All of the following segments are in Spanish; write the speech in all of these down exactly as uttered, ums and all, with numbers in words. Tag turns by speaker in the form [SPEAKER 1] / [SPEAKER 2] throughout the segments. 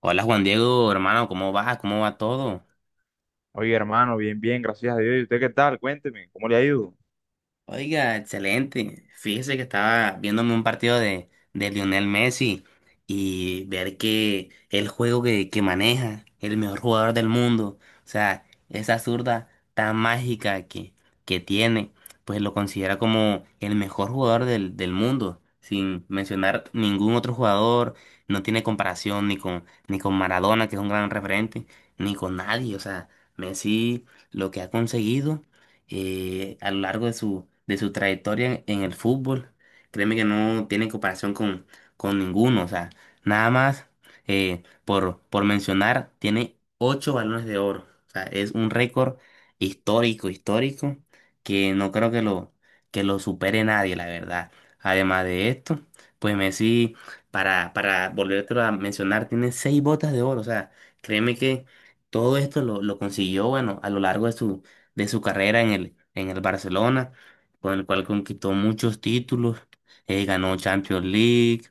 [SPEAKER 1] Hola Juan Diego, hermano, ¿cómo vas? ¿Cómo va todo?
[SPEAKER 2] Oye, hermano, bien, bien, gracias a Dios. ¿Y usted qué tal? Cuénteme, ¿cómo le ha ido?
[SPEAKER 1] Oiga, excelente. Fíjese que estaba viéndome un partido de, de Lionel Messi y ver que el juego que, que maneja, el mejor jugador del mundo, o sea, esa zurda tan mágica que, que tiene, pues lo considera como el mejor jugador del, del mundo, sin mencionar ningún otro jugador, no tiene comparación ni con, ni con Maradona, que es un gran referente, ni con nadie, o sea, Messi lo que ha conseguido eh, a lo largo de su, de su trayectoria en, en el fútbol. Créeme que no tiene comparación con, con ninguno. O sea, nada más eh, por, por mencionar, tiene ocho balones de oro. O sea, es un récord histórico, histórico, que no creo que lo, que lo supere nadie, la verdad. Además de esto, pues Messi, para, para volvértelo a mencionar, tiene seis botas de oro. O sea, créeme que todo esto lo, lo consiguió, bueno, a lo largo de su, de su carrera en el, en el Barcelona, con el cual conquistó muchos títulos, eh, ganó Champions League,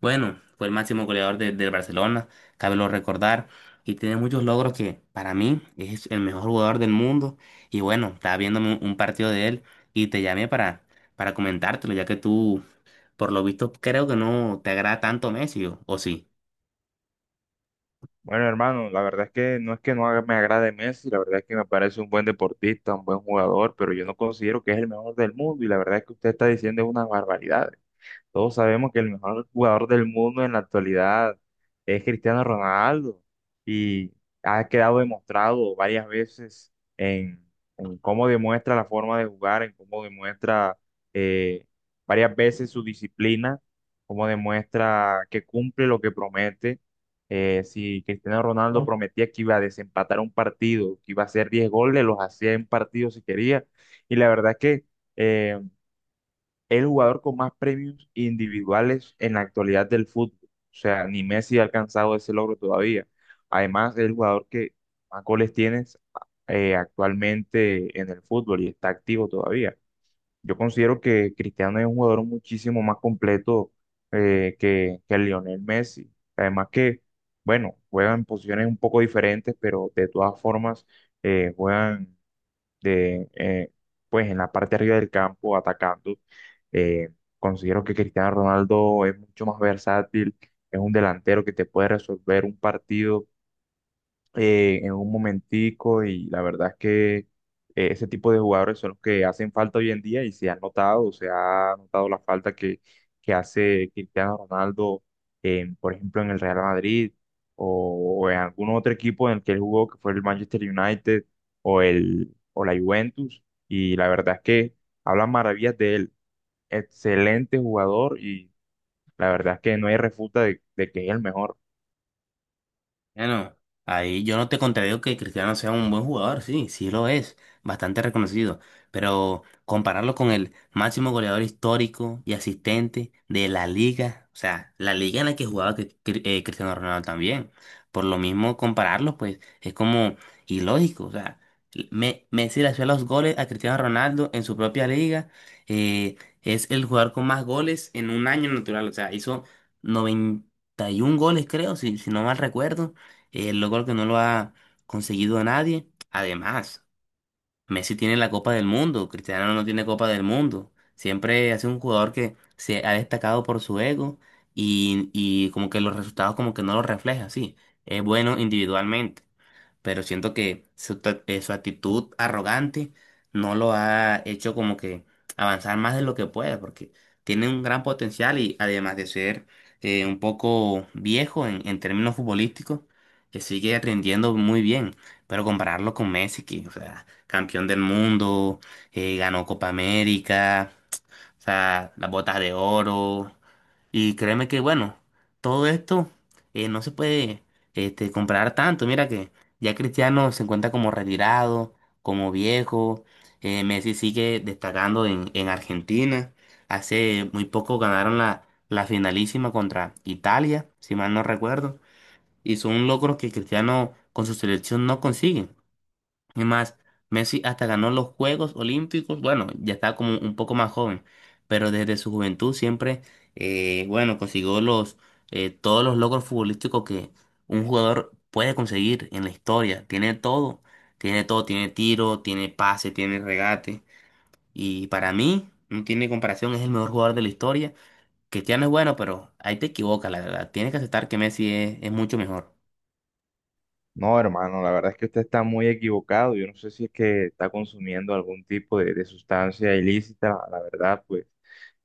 [SPEAKER 1] bueno, fue el máximo goleador de- del Barcelona, cabe lo recordar, y tiene muchos logros, que para mí es el mejor jugador del mundo, y bueno, estaba viéndome un, un partido de él y te llamé para, para comentártelo, ya que tú, por lo visto, creo que no te agrada tanto Messi, o o sí?
[SPEAKER 2] Bueno, hermano, la verdad es que no es que no haga- me agrade Messi. La verdad es que me parece un buen deportista, un buen jugador, pero yo no considero que es el mejor del mundo y la verdad es que usted está diciendo unas barbaridades. Todos sabemos que el mejor jugador del mundo en la actualidad es Cristiano Ronaldo y ha quedado demostrado varias veces en, en cómo demuestra la forma de jugar, en cómo demuestra eh, varias veces su disciplina, cómo demuestra que cumple lo que promete. Eh, si Cristiano Ronaldo prometía que iba a desempatar un partido, que iba a hacer diez goles, los hacía en partido si quería. Y la verdad es que... eh, el jugador con más premios individuales en la actualidad del fútbol. O sea, ni Messi ha alcanzado ese logro todavía. Además, es el jugador que más goles tienes eh, actualmente en el fútbol y está activo todavía. Yo considero que Cristiano es un jugador muchísimo más completo eh, que, que Lionel Messi. Además que, bueno, juegan en posiciones un poco diferentes, pero de todas formas eh, juegan de, eh, pues en la parte de arriba del campo atacando. Eh, Considero que Cristiano Ronaldo es mucho más versátil, es un delantero que te puede resolver un partido eh, en un momentico, y la verdad es que eh, ese tipo de jugadores son los que hacen falta hoy en día. Y se ha notado, se ha notado la falta que, que hace Cristiano Ronaldo, en, por ejemplo, en el Real Madrid o, o en algún otro equipo en el que él jugó, que fue el Manchester United o, el, o la Juventus. Y la verdad es que hablan maravillas de él, excelente jugador, y la verdad es que no hay refuta de de que es el mejor.
[SPEAKER 1] Bueno, ahí yo no te contradigo que Cristiano sea un buen jugador, sí, sí lo es, bastante reconocido, pero compararlo con el máximo goleador histórico y asistente de la liga, o sea, la liga en la que jugaba Cri- Cri- eh, Cristiano Ronaldo también, por lo mismo compararlo, pues es como ilógico. O sea, Me- Messi le hacía los goles a Cristiano Ronaldo en su propia liga. Eh, es el jugador con más goles en un año natural. O sea, hizo noventa y un goles, creo, si, si no mal recuerdo, eh, logro que no lo ha conseguido nadie. Además, Messi tiene la Copa del Mundo, Cristiano no tiene Copa del Mundo. Siempre ha sido un jugador que se ha destacado por su ego, y, y como que los resultados como que no lo refleja, sí. Es bueno individualmente, pero siento que su, ta- eh, su actitud arrogante no lo ha hecho como que avanzar más de lo que puede, porque tiene un gran potencial. Y además de ser eh, un poco viejo en, en términos futbolísticos, que sigue aprendiendo muy bien. Pero compararlo con Messi, que, o sea, campeón del mundo, eh, ganó Copa América, o sea, las botas de oro. Y créeme que, bueno, todo esto eh, no se puede este, comparar tanto. Mira que ya Cristiano se encuentra como retirado, como viejo. Eh, Messi sigue destacando en, en Argentina. Hace muy poco ganaron la, la finalísima contra Italia, si mal no recuerdo. Y son logros que Cristiano con su selección no consigue. Es más, Messi hasta ganó los Juegos Olímpicos. Bueno, ya está como un poco más joven, pero desde su juventud siempre, eh, bueno, consiguió los, eh, todos los logros futbolísticos que un jugador puede conseguir en la historia. Tiene todo, tiene todo, tiene tiro, tiene pase, tiene regate. Y para mí, no tiene comparación, es el mejor jugador de la historia. Cristiano es bueno, pero ahí te equivocas, la verdad. Tienes que aceptar que Messi es, es mucho mejor.
[SPEAKER 2] No, hermano, la verdad es que usted está muy equivocado. Yo no sé si es que está consumiendo algún tipo de, de sustancia ilícita. La verdad, pues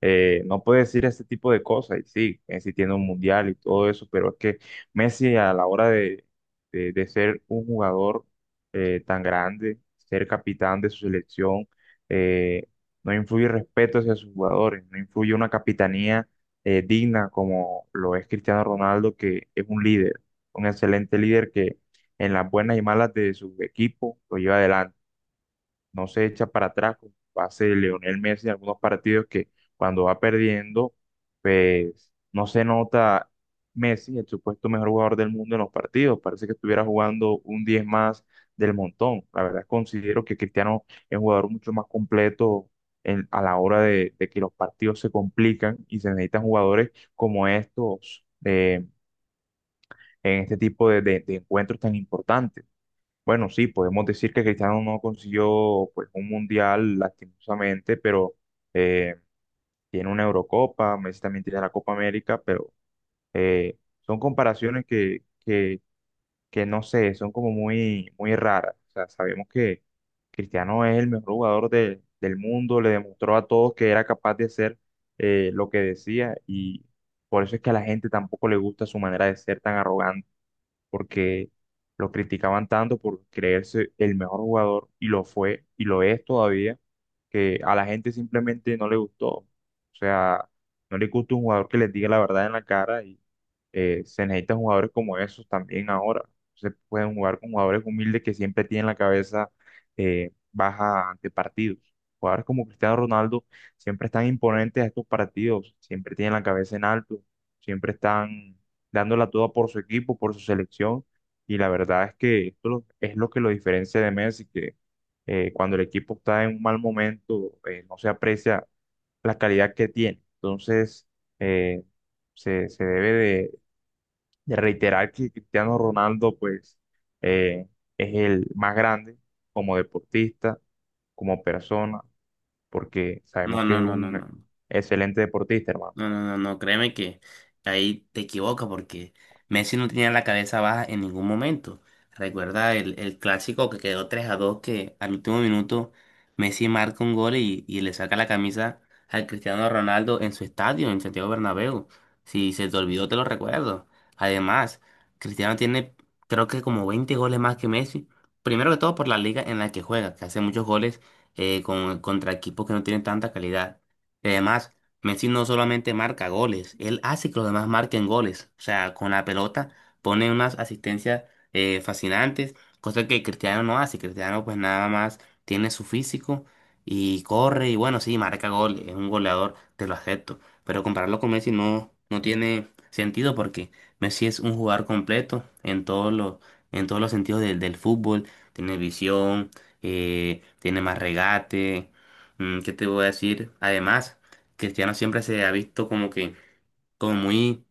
[SPEAKER 2] eh, no puede decir ese tipo de cosas. Y sí, Messi tiene un mundial y todo eso, pero es que Messi a la hora de, de- de ser un jugador eh, tan grande, ser capitán de su selección, eh, no influye respeto hacia sus jugadores, no influye una capitanía eh, digna como lo es Cristiano Ronaldo, que es un líder, un excelente líder que en las buenas y malas de su equipo, lo lleva adelante. No se echa para atrás, como hace Leonel Messi en algunos partidos que cuando va perdiendo, pues no se nota Messi, el supuesto mejor jugador del mundo en los partidos. Parece que estuviera jugando un diez más del montón. La verdad considero que Cristiano es un jugador mucho más completo en- a la hora de, de que los partidos se complican y se necesitan jugadores como estos. Eh, en este tipo de de- de encuentros tan importantes. Bueno, sí, podemos decir que Cristiano no consiguió pues un mundial lastimosamente, pero eh, tiene una Eurocopa. Messi también tiene la Copa América, pero eh, son comparaciones que, que, que no sé, son como muy, muy raras. O sea, sabemos que Cristiano es el mejor jugador de- del mundo, le demostró a todos que era capaz de hacer eh, lo que decía, y por eso es que a la gente tampoco le gusta su manera de ser tan arrogante, porque lo criticaban tanto por creerse el mejor jugador y lo fue y lo es todavía, que a la gente simplemente no le gustó. O sea, no le gusta un jugador que les diga la verdad en la cara, y eh, se necesitan jugadores como esos también ahora. Se pueden jugar con jugadores humildes que siempre tienen la cabeza eh, baja ante partidos. Jugadores como Cristiano Ronaldo siempre están imponentes a estos partidos, siempre tienen la cabeza en alto, siempre están dándola toda por su equipo, por su selección. Y la verdad es que esto lo- es lo que lo diferencia de Messi, que eh, cuando el equipo está en un mal momento, eh, no se aprecia la calidad que tiene. Entonces, eh, se, se debe de, de reiterar que Cristiano Ronaldo, pues, eh, es el más grande como deportista, como persona, porque sabemos
[SPEAKER 1] No,
[SPEAKER 2] que
[SPEAKER 1] no,
[SPEAKER 2] es
[SPEAKER 1] no, no,
[SPEAKER 2] un
[SPEAKER 1] no.
[SPEAKER 2] excelente deportista, hermano.
[SPEAKER 1] No, no, no, no, créeme que ahí te equivoca, porque Messi no tenía la cabeza baja en ningún momento. Recuerda el, el clásico que quedó tres a dos, que al último minuto Messi marca un gol, y, y le saca la camisa al Cristiano Ronaldo en su estadio, en Santiago Bernabéu. Si se te olvidó, te lo recuerdo. Además, Cristiano tiene, creo que, como veinte goles más que Messi. Primero que todo por la liga en la que juega, que hace muchos goles, eh, con, contra equipos que no tienen tanta calidad. Y además, Messi no solamente marca goles, él hace que los demás marquen goles. O sea, con la pelota pone unas asistencias eh, fascinantes, cosa que Cristiano no hace. Cristiano pues nada más tiene su físico y corre y, bueno, sí, marca goles, es un goleador, te lo acepto. Pero compararlo con Messi no, no tiene sentido, porque Messi es un jugador completo en todos los, en todos los sentidos del del fútbol. Tiene visión, eh, tiene más regate. Mm, ¿Qué te voy a decir? Además, Cristiano siempre se ha visto como que, como muy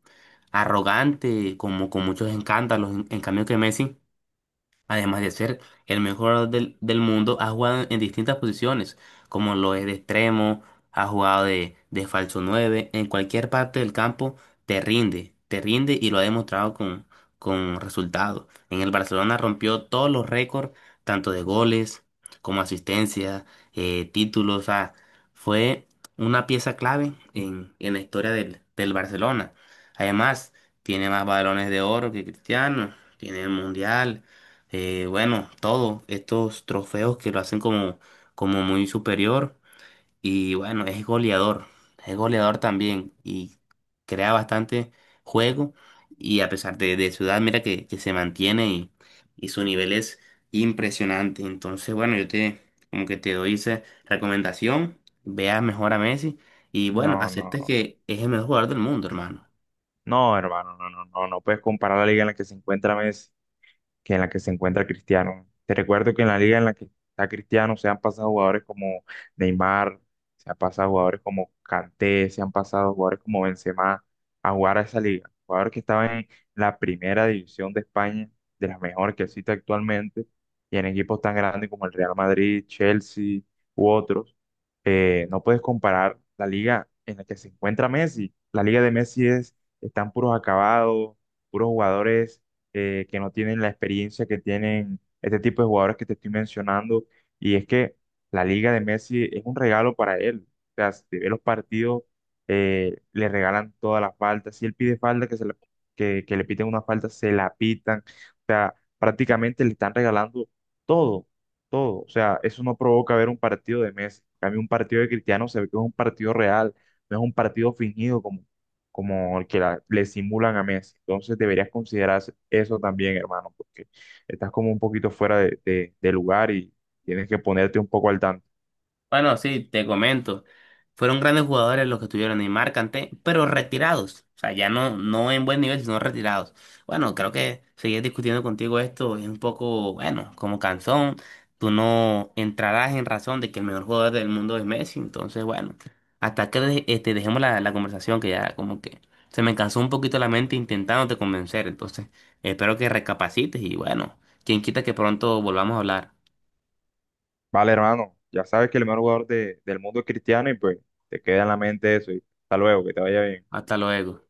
[SPEAKER 1] arrogante, como con muchos escándalos. En, en cambio que Messi, además de ser el mejor jugador del, del mundo, ha jugado en distintas posiciones, como lo es de extremo, ha jugado de, de falso nueve. En cualquier parte del campo te rinde, te rinde, y lo ha demostrado con, con resultados. En el Barcelona rompió todos los récords, tanto de goles como asistencia, eh, títulos. O sea, fue una pieza clave en, en la historia del, del Barcelona. Además, tiene más balones de oro que Cristiano, tiene el Mundial, eh, bueno, todo, estos trofeos que lo hacen como, como muy superior. Y bueno, es goleador, es goleador también, y crea bastante juego, y a pesar de, de su edad, mira que, que se mantiene, y, y su nivel es impresionante. Entonces, bueno, yo te como que te doy esa recomendación, veas mejor a Messi, y bueno,
[SPEAKER 2] No, no.
[SPEAKER 1] aceptes que es el mejor jugador del mundo, hermano.
[SPEAKER 2] No, hermano, no, no, no, no puedes comparar la liga en la que se encuentra Messi que en la que se encuentra Cristiano. Te recuerdo que en la liga en la que está Cristiano se han pasado jugadores como Neymar, se han pasado jugadores como Kanté, se han pasado jugadores como Benzema a jugar a esa liga. Jugadores que estaban en la primera división de España, de las mejores que existe actualmente, y en equipos tan grandes como el Real Madrid, Chelsea u otros. Eh, no puedes comparar la liga en la que se encuentra Messi. La liga de Messi es, están puros acabados, puros jugadores eh, que no tienen la experiencia que tienen este tipo de jugadores que te estoy mencionando. Y es que la Liga de Messi es un regalo para él. O sea, si te ve los partidos, eh, le regalan todas las faltas. Si él pide falta, que, se la- que, que le piten una falta, se la pitan. O sea, prácticamente le están regalando todo, todo. O sea, eso no provoca ver un partido de Messi. A mí un partido de Cristiano se ve que es un partido real, no es un partido fingido como el que la- le simulan a Messi. Entonces deberías considerar eso también, hermano, porque estás como un poquito fuera de, de- de lugar, y tienes que ponerte un poco al tanto.
[SPEAKER 1] Bueno, sí, te comento. Fueron grandes jugadores los que estuvieron, Neymar, Kanté, pero retirados. O sea, ya no, no en buen nivel, sino retirados. Bueno, creo que seguir discutiendo contigo esto es un poco, bueno, como cansón. Tú no entrarás en razón de que el mejor jugador del mundo es Messi. Entonces, bueno, hasta que de- este, dejemos la, la conversación, que ya como que se me cansó un poquito la mente intentándote convencer. Entonces, espero que recapacites y, bueno, quien quita que pronto volvamos a hablar.
[SPEAKER 2] Vale, hermano, ya sabes que el mejor jugador de- del mundo es Cristiano, y pues te queda en la mente eso. Y hasta luego, que te vaya bien.
[SPEAKER 1] Hasta luego.